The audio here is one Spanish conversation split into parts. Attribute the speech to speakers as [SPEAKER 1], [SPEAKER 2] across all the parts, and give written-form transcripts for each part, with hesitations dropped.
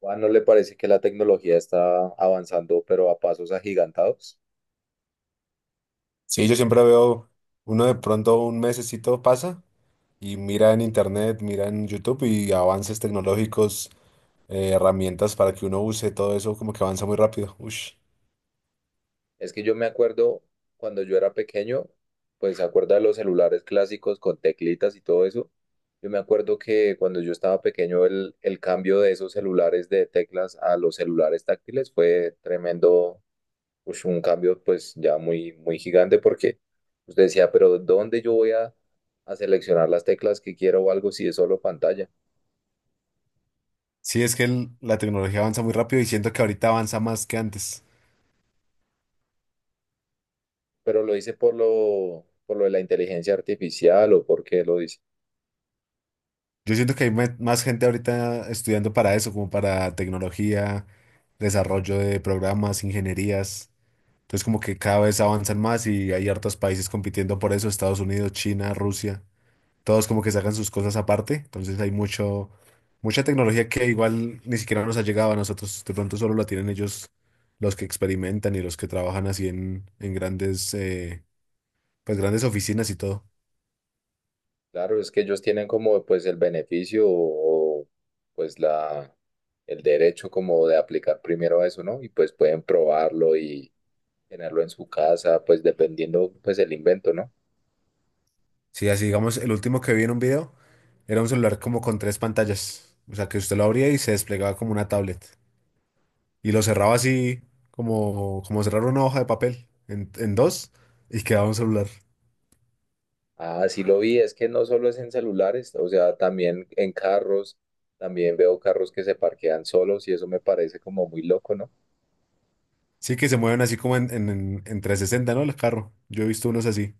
[SPEAKER 1] ¿Juan, no le parece que la tecnología está avanzando, pero a pasos agigantados?
[SPEAKER 2] Sí, yo siempre veo, uno de pronto un mesecito pasa y mira en internet, mira en YouTube y avances tecnológicos, herramientas para que uno use todo eso, como que avanza muy rápido. Ush.
[SPEAKER 1] Es que yo me acuerdo cuando yo era pequeño, pues se acuerda de los celulares clásicos con teclitas y todo eso. Yo me acuerdo que cuando yo estaba pequeño, el cambio de esos celulares de teclas a los celulares táctiles fue tremendo, pues un cambio pues ya muy, muy gigante porque usted decía, pero ¿dónde yo voy a seleccionar las teclas que quiero o algo si es solo pantalla?
[SPEAKER 2] Sí, es que la tecnología avanza muy rápido y siento que ahorita avanza más que antes.
[SPEAKER 1] ¿Pero lo dice por lo de la inteligencia artificial o porque lo dice?
[SPEAKER 2] Yo siento que hay más gente ahorita estudiando para eso, como para tecnología, desarrollo de programas, ingenierías. Entonces como que cada vez avanzan más y hay hartos países compitiendo por eso: Estados Unidos, China, Rusia. Todos como que sacan sus cosas aparte, entonces hay mucha tecnología que igual ni siquiera nos ha llegado a nosotros, de pronto solo la tienen ellos, los que experimentan y los que trabajan así en grandes, pues grandes oficinas y todo.
[SPEAKER 1] Claro, es que ellos tienen como pues el beneficio o, pues la el derecho como de aplicar primero eso, ¿no? Y pues pueden probarlo y tenerlo en su casa, pues dependiendo pues el invento, ¿no?
[SPEAKER 2] Sí, así digamos, el último que vi en un video era un celular como con tres pantallas, o sea que usted lo abría y se desplegaba como una tablet y lo cerraba así como cerrar una hoja de papel en dos y quedaba un celular.
[SPEAKER 1] Ah, sí lo vi, es que no solo es en celulares, o sea, también en carros, también veo carros que se parquean solos y eso me parece como muy loco, ¿no?
[SPEAKER 2] Sí, que se mueven así como en 360, ¿no? El carro. Yo he visto unos así.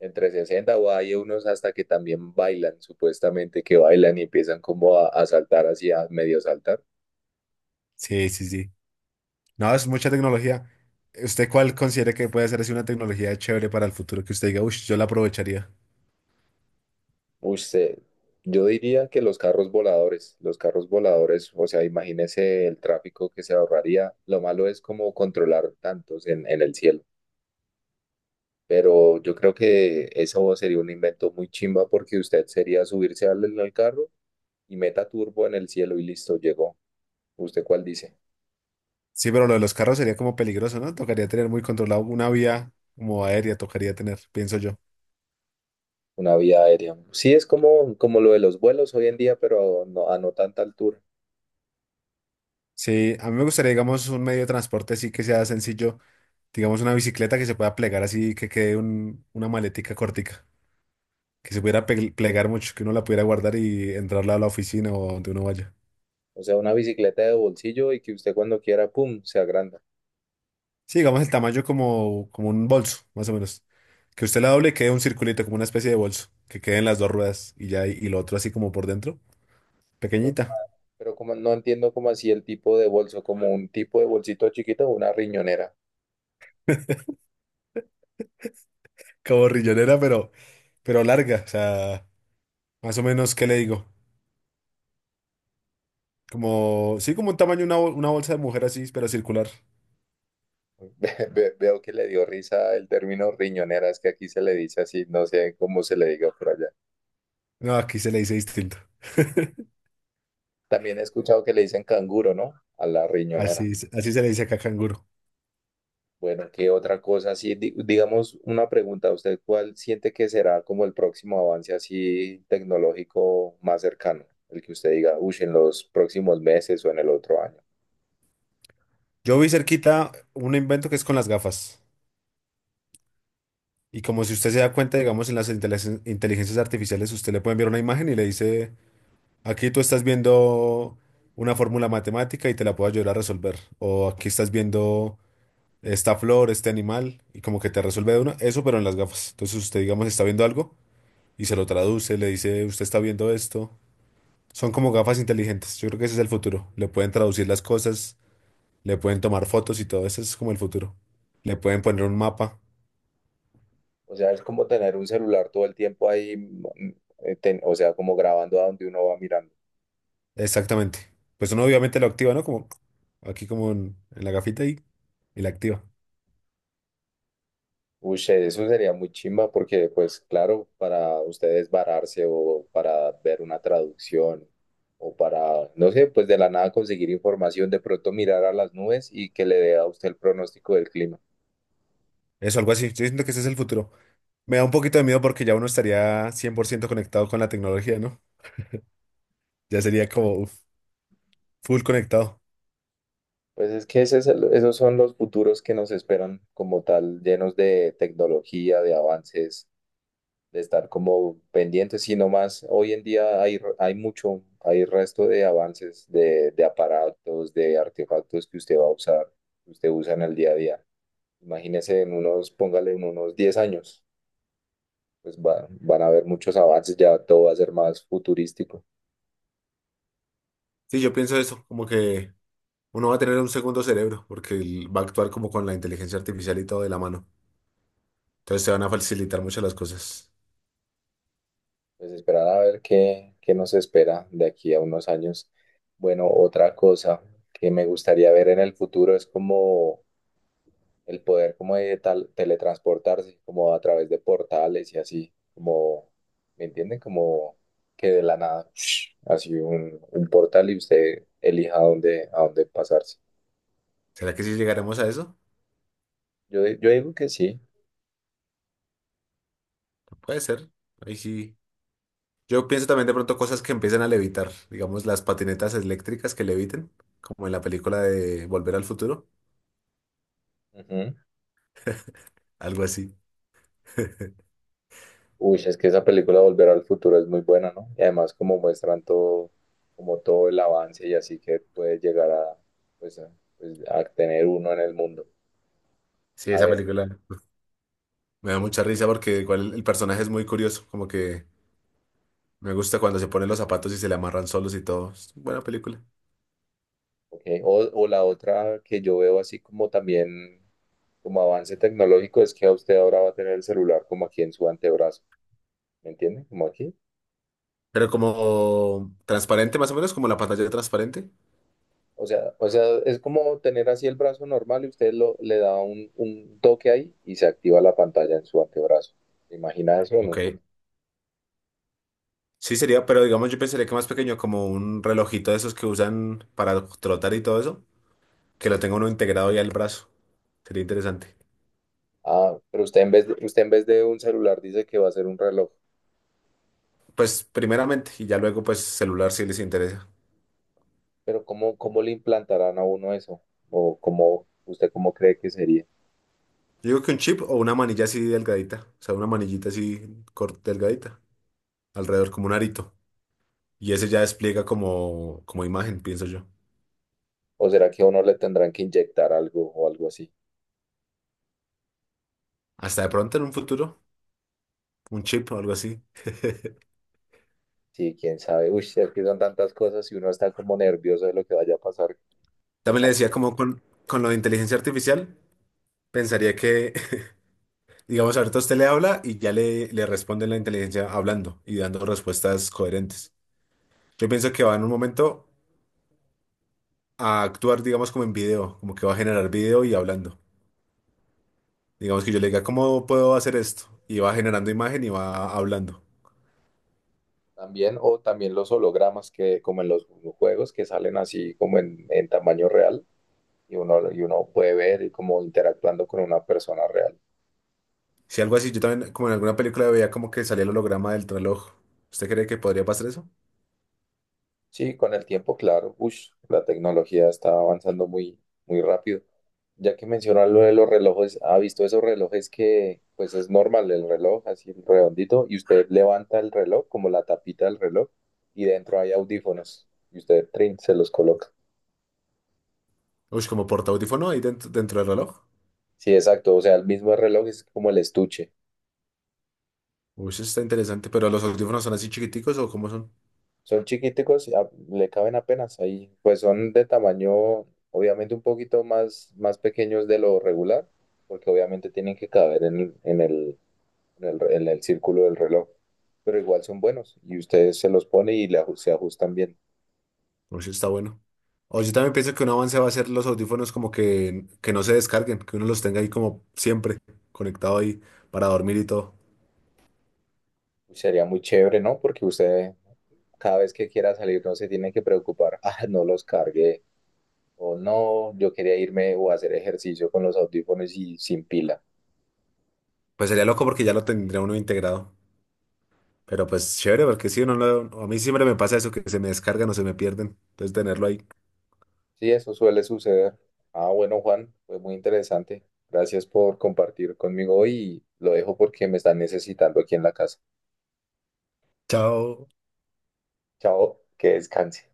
[SPEAKER 1] Entre 60 o hay unos hasta que también bailan, supuestamente que bailan y empiezan como a saltar así, a medio saltar.
[SPEAKER 2] Sí, sí, sí. No, es mucha tecnología. ¿Usted cuál considera que puede ser así una tecnología chévere para el futuro que usted diga, uff, yo la aprovecharía?
[SPEAKER 1] Uy, yo diría que los carros voladores, o sea, imagínese el tráfico que se ahorraría. Lo malo es como controlar tantos en el cielo. Pero yo creo que eso sería un invento muy chimba porque usted sería subirse al carro y meta turbo en el cielo y listo, llegó. ¿Usted cuál dice?
[SPEAKER 2] Sí, pero lo de los carros sería como peligroso, ¿no? Tocaría tener muy controlado una vía como aérea, tocaría tener, pienso yo.
[SPEAKER 1] Una vía aérea. Sí, es como, como lo de los vuelos hoy en día, pero no, a no tanta altura.
[SPEAKER 2] Sí, a mí me gustaría, digamos, un medio de transporte así que sea sencillo, digamos, una bicicleta que se pueda plegar así, que quede una maletica cortica, que se pudiera plegar mucho, que uno la pudiera guardar y entrarla a la oficina o donde uno vaya.
[SPEAKER 1] O sea, una bicicleta de bolsillo y que usted cuando quiera, ¡pum!, se agranda.
[SPEAKER 2] Sí, digamos el tamaño como un bolso, más o menos. Que usted la doble y quede un circulito, como una especie de bolso, que queden las dos ruedas y ya, y lo otro así como por dentro,
[SPEAKER 1] Pero, como-
[SPEAKER 2] pequeñita,
[SPEAKER 1] pero como no entiendo como así el tipo de bolso, como un tipo de bolsito chiquito o una riñonera.
[SPEAKER 2] como rillonera, pero larga, o sea, más o menos, ¿qué le digo? Como, sí, como un tamaño, una, una bolsa de mujer así, pero circular.
[SPEAKER 1] Veo que le dio risa el término riñonera, es que aquí se le dice así, no sé cómo se le diga por allá.
[SPEAKER 2] No, aquí se le dice distinto.
[SPEAKER 1] También he escuchado que le dicen canguro, ¿no? A la riñonera.
[SPEAKER 2] Así, así se le dice acá canguro.
[SPEAKER 1] Bueno, ¿qué otra cosa? Sí, digamos una pregunta, ¿usted cuál siente que será como el próximo avance así tecnológico más cercano? El que usted diga, uy, en los próximos meses o en el otro año.
[SPEAKER 2] Yo vi cerquita un invento que es con las gafas. Y como si usted se da cuenta, digamos, en las inteligencias artificiales, usted le puede enviar una imagen y le dice: aquí tú estás viendo una fórmula matemática y te la puedo ayudar a resolver. O aquí estás viendo esta flor, este animal, y como que te resuelve de una, eso pero en las gafas. Entonces usted, digamos, está viendo algo y se lo traduce, le dice, usted está viendo esto. Son como gafas inteligentes. Yo creo que ese es el futuro. Le pueden traducir las cosas, le pueden tomar fotos y todo eso es como el futuro. Le pueden poner un mapa.
[SPEAKER 1] O sea, es como tener un celular todo el tiempo ahí, o sea, como grabando a donde uno va mirando.
[SPEAKER 2] Exactamente. Pues uno obviamente lo activa, ¿no? Como aquí como en la gafita y la activa.
[SPEAKER 1] Uy, eso sería muy chimba porque, pues claro, para ustedes vararse o para ver una traducción o para, no sé, pues de la nada conseguir información, de pronto mirar a las nubes y que le dé a usted el pronóstico del clima.
[SPEAKER 2] Eso, algo así. Yo siento que ese es el futuro. Me da un poquito de miedo porque ya uno estaría 100% conectado con la tecnología, ¿no? Ya sería como uf, full conectado.
[SPEAKER 1] Pues es que ese es esos son los futuros que nos esperan como tal, llenos de tecnología, de avances. De estar como pendientes, sino más hoy en día hay mucho, hay resto de avances de aparatos, de artefactos que usted va a usar, que usted usa en el día a día. Imagínese en unos, póngale en unos 10 años, pues van a haber muchos avances, ya todo va a ser más futurístico.
[SPEAKER 2] Sí, yo pienso eso, como que uno va a tener un segundo cerebro, porque va a actuar como con la inteligencia artificial y todo de la mano. Entonces se van a facilitar muchas las cosas.
[SPEAKER 1] Pues esperar a ver qué nos espera de aquí a unos años. Bueno, otra cosa que me gustaría ver en el futuro es como el poder como de tal, teletransportarse como a través de portales y así, como, ¿me entienden? Como que de la nada, así un portal y usted elija a dónde pasarse.
[SPEAKER 2] ¿Será que sí llegaremos a eso?
[SPEAKER 1] Yo, yo digo que sí.
[SPEAKER 2] Puede ser. Ahí sí. Yo pienso también de pronto cosas que empiezan a levitar, digamos las patinetas eléctricas que leviten, como en la película de Volver al Futuro,
[SPEAKER 1] Ujú.
[SPEAKER 2] algo así.
[SPEAKER 1] Uy, es que esa película Volver al Futuro es muy buena, ¿no? Y además como muestran todo, como todo el avance y así que puede llegar a, pues, a, pues, a tener uno en el mundo.
[SPEAKER 2] Sí,
[SPEAKER 1] A
[SPEAKER 2] esa
[SPEAKER 1] ver,
[SPEAKER 2] película. Me da mucha risa porque igual el personaje es muy curioso, como que me gusta cuando se ponen los zapatos y se le amarran solos y todo. Es buena película.
[SPEAKER 1] ok. O la otra que yo veo así como también como avance tecnológico es que a usted ahora va a tener el celular como aquí en su antebrazo, ¿me entiende? Como aquí.
[SPEAKER 2] Pero como transparente más o menos, como la pantalla transparente.
[SPEAKER 1] O sea, es como tener así el brazo normal y usted le da un toque ahí y se activa la pantalla en su antebrazo. ¿Se imagina eso en un?
[SPEAKER 2] Ok. Sí sería, pero digamos yo pensaría que más pequeño, como un relojito de esos que usan para trotar y todo eso, que lo tenga uno integrado ya al brazo. Sería interesante.
[SPEAKER 1] Ah, pero usted en vez de un celular dice que va a ser un reloj.
[SPEAKER 2] Pues primeramente, y ya luego pues celular si les interesa.
[SPEAKER 1] Pero ¿cómo, cómo le implantarán a uno eso? ¿O cómo, usted cómo cree que sería?
[SPEAKER 2] Yo digo que un chip o una manilla así delgadita, o sea, una manillita así delgadita, alrededor como un arito. Y ese ya despliega como, como imagen, pienso yo.
[SPEAKER 1] ¿O será que a uno le tendrán que inyectar algo o algo así?
[SPEAKER 2] Hasta de pronto en un futuro, un chip o algo así.
[SPEAKER 1] Sí, quién sabe. Uy, es que son tantas cosas y uno está como nervioso de lo que vaya a pasar. Quién
[SPEAKER 2] También le
[SPEAKER 1] sabe,
[SPEAKER 2] decía como con lo de inteligencia artificial, pensaría que, digamos, ahorita usted le habla y ya le responde la inteligencia hablando y dando respuestas coherentes. Yo pienso que va en un momento a actuar, digamos, como en video, como que va a generar video y hablando. Digamos que yo le diga, ¿cómo puedo hacer esto? Y va generando imagen y va hablando.
[SPEAKER 1] también, o también los hologramas que, como en los juegos, que salen así como en tamaño real y uno puede ver y como interactuando con una persona real.
[SPEAKER 2] Si algo así, yo también, como en alguna película veía como que salía el holograma del reloj. ¿Usted cree que podría pasar eso?
[SPEAKER 1] Sí, con el tiempo, claro, ush, la tecnología está avanzando muy, muy rápido. Ya que mencionas lo de los relojes, ¿ha visto esos relojes que, pues es normal el reloj, así redondito, y usted levanta el reloj, como la tapita del reloj, y dentro hay audífonos, y usted trin, se los coloca?
[SPEAKER 2] Uy, como porta audífono ahí dentro, dentro del reloj.
[SPEAKER 1] Sí, exacto, o sea, el mismo reloj es como el estuche.
[SPEAKER 2] Uy, eso está interesante. ¿Pero los audífonos son así chiquiticos o cómo son?
[SPEAKER 1] Son chiquiticos y le caben apenas ahí. Pues son de tamaño, obviamente un poquito más, más pequeños de lo regular, porque obviamente tienen que caber en el círculo del reloj. Pero igual son buenos y usted se los pone y le se ajustan bien.
[SPEAKER 2] Uy, eso está bueno. O yo también pienso que un avance va a ser los audífonos como que no se descarguen, que uno los tenga ahí como siempre, conectado ahí para dormir y todo.
[SPEAKER 1] Uy, sería muy chévere, ¿no? Porque usted cada vez que quiera salir no se tiene que preocupar, ah, no los cargué, o no, yo quería irme o hacer ejercicio con los audífonos y sin pila.
[SPEAKER 2] Pues sería loco porque ya lo tendría uno integrado. Pero pues chévere, porque sí, a mí siempre me pasa eso, que se me descargan o se me pierden. Entonces tenerlo ahí.
[SPEAKER 1] Sí, eso suele suceder. Ah, bueno, Juan, fue muy interesante. Gracias por compartir conmigo y lo dejo porque me están necesitando aquí en la casa.
[SPEAKER 2] Chao.
[SPEAKER 1] Chao, que descanse.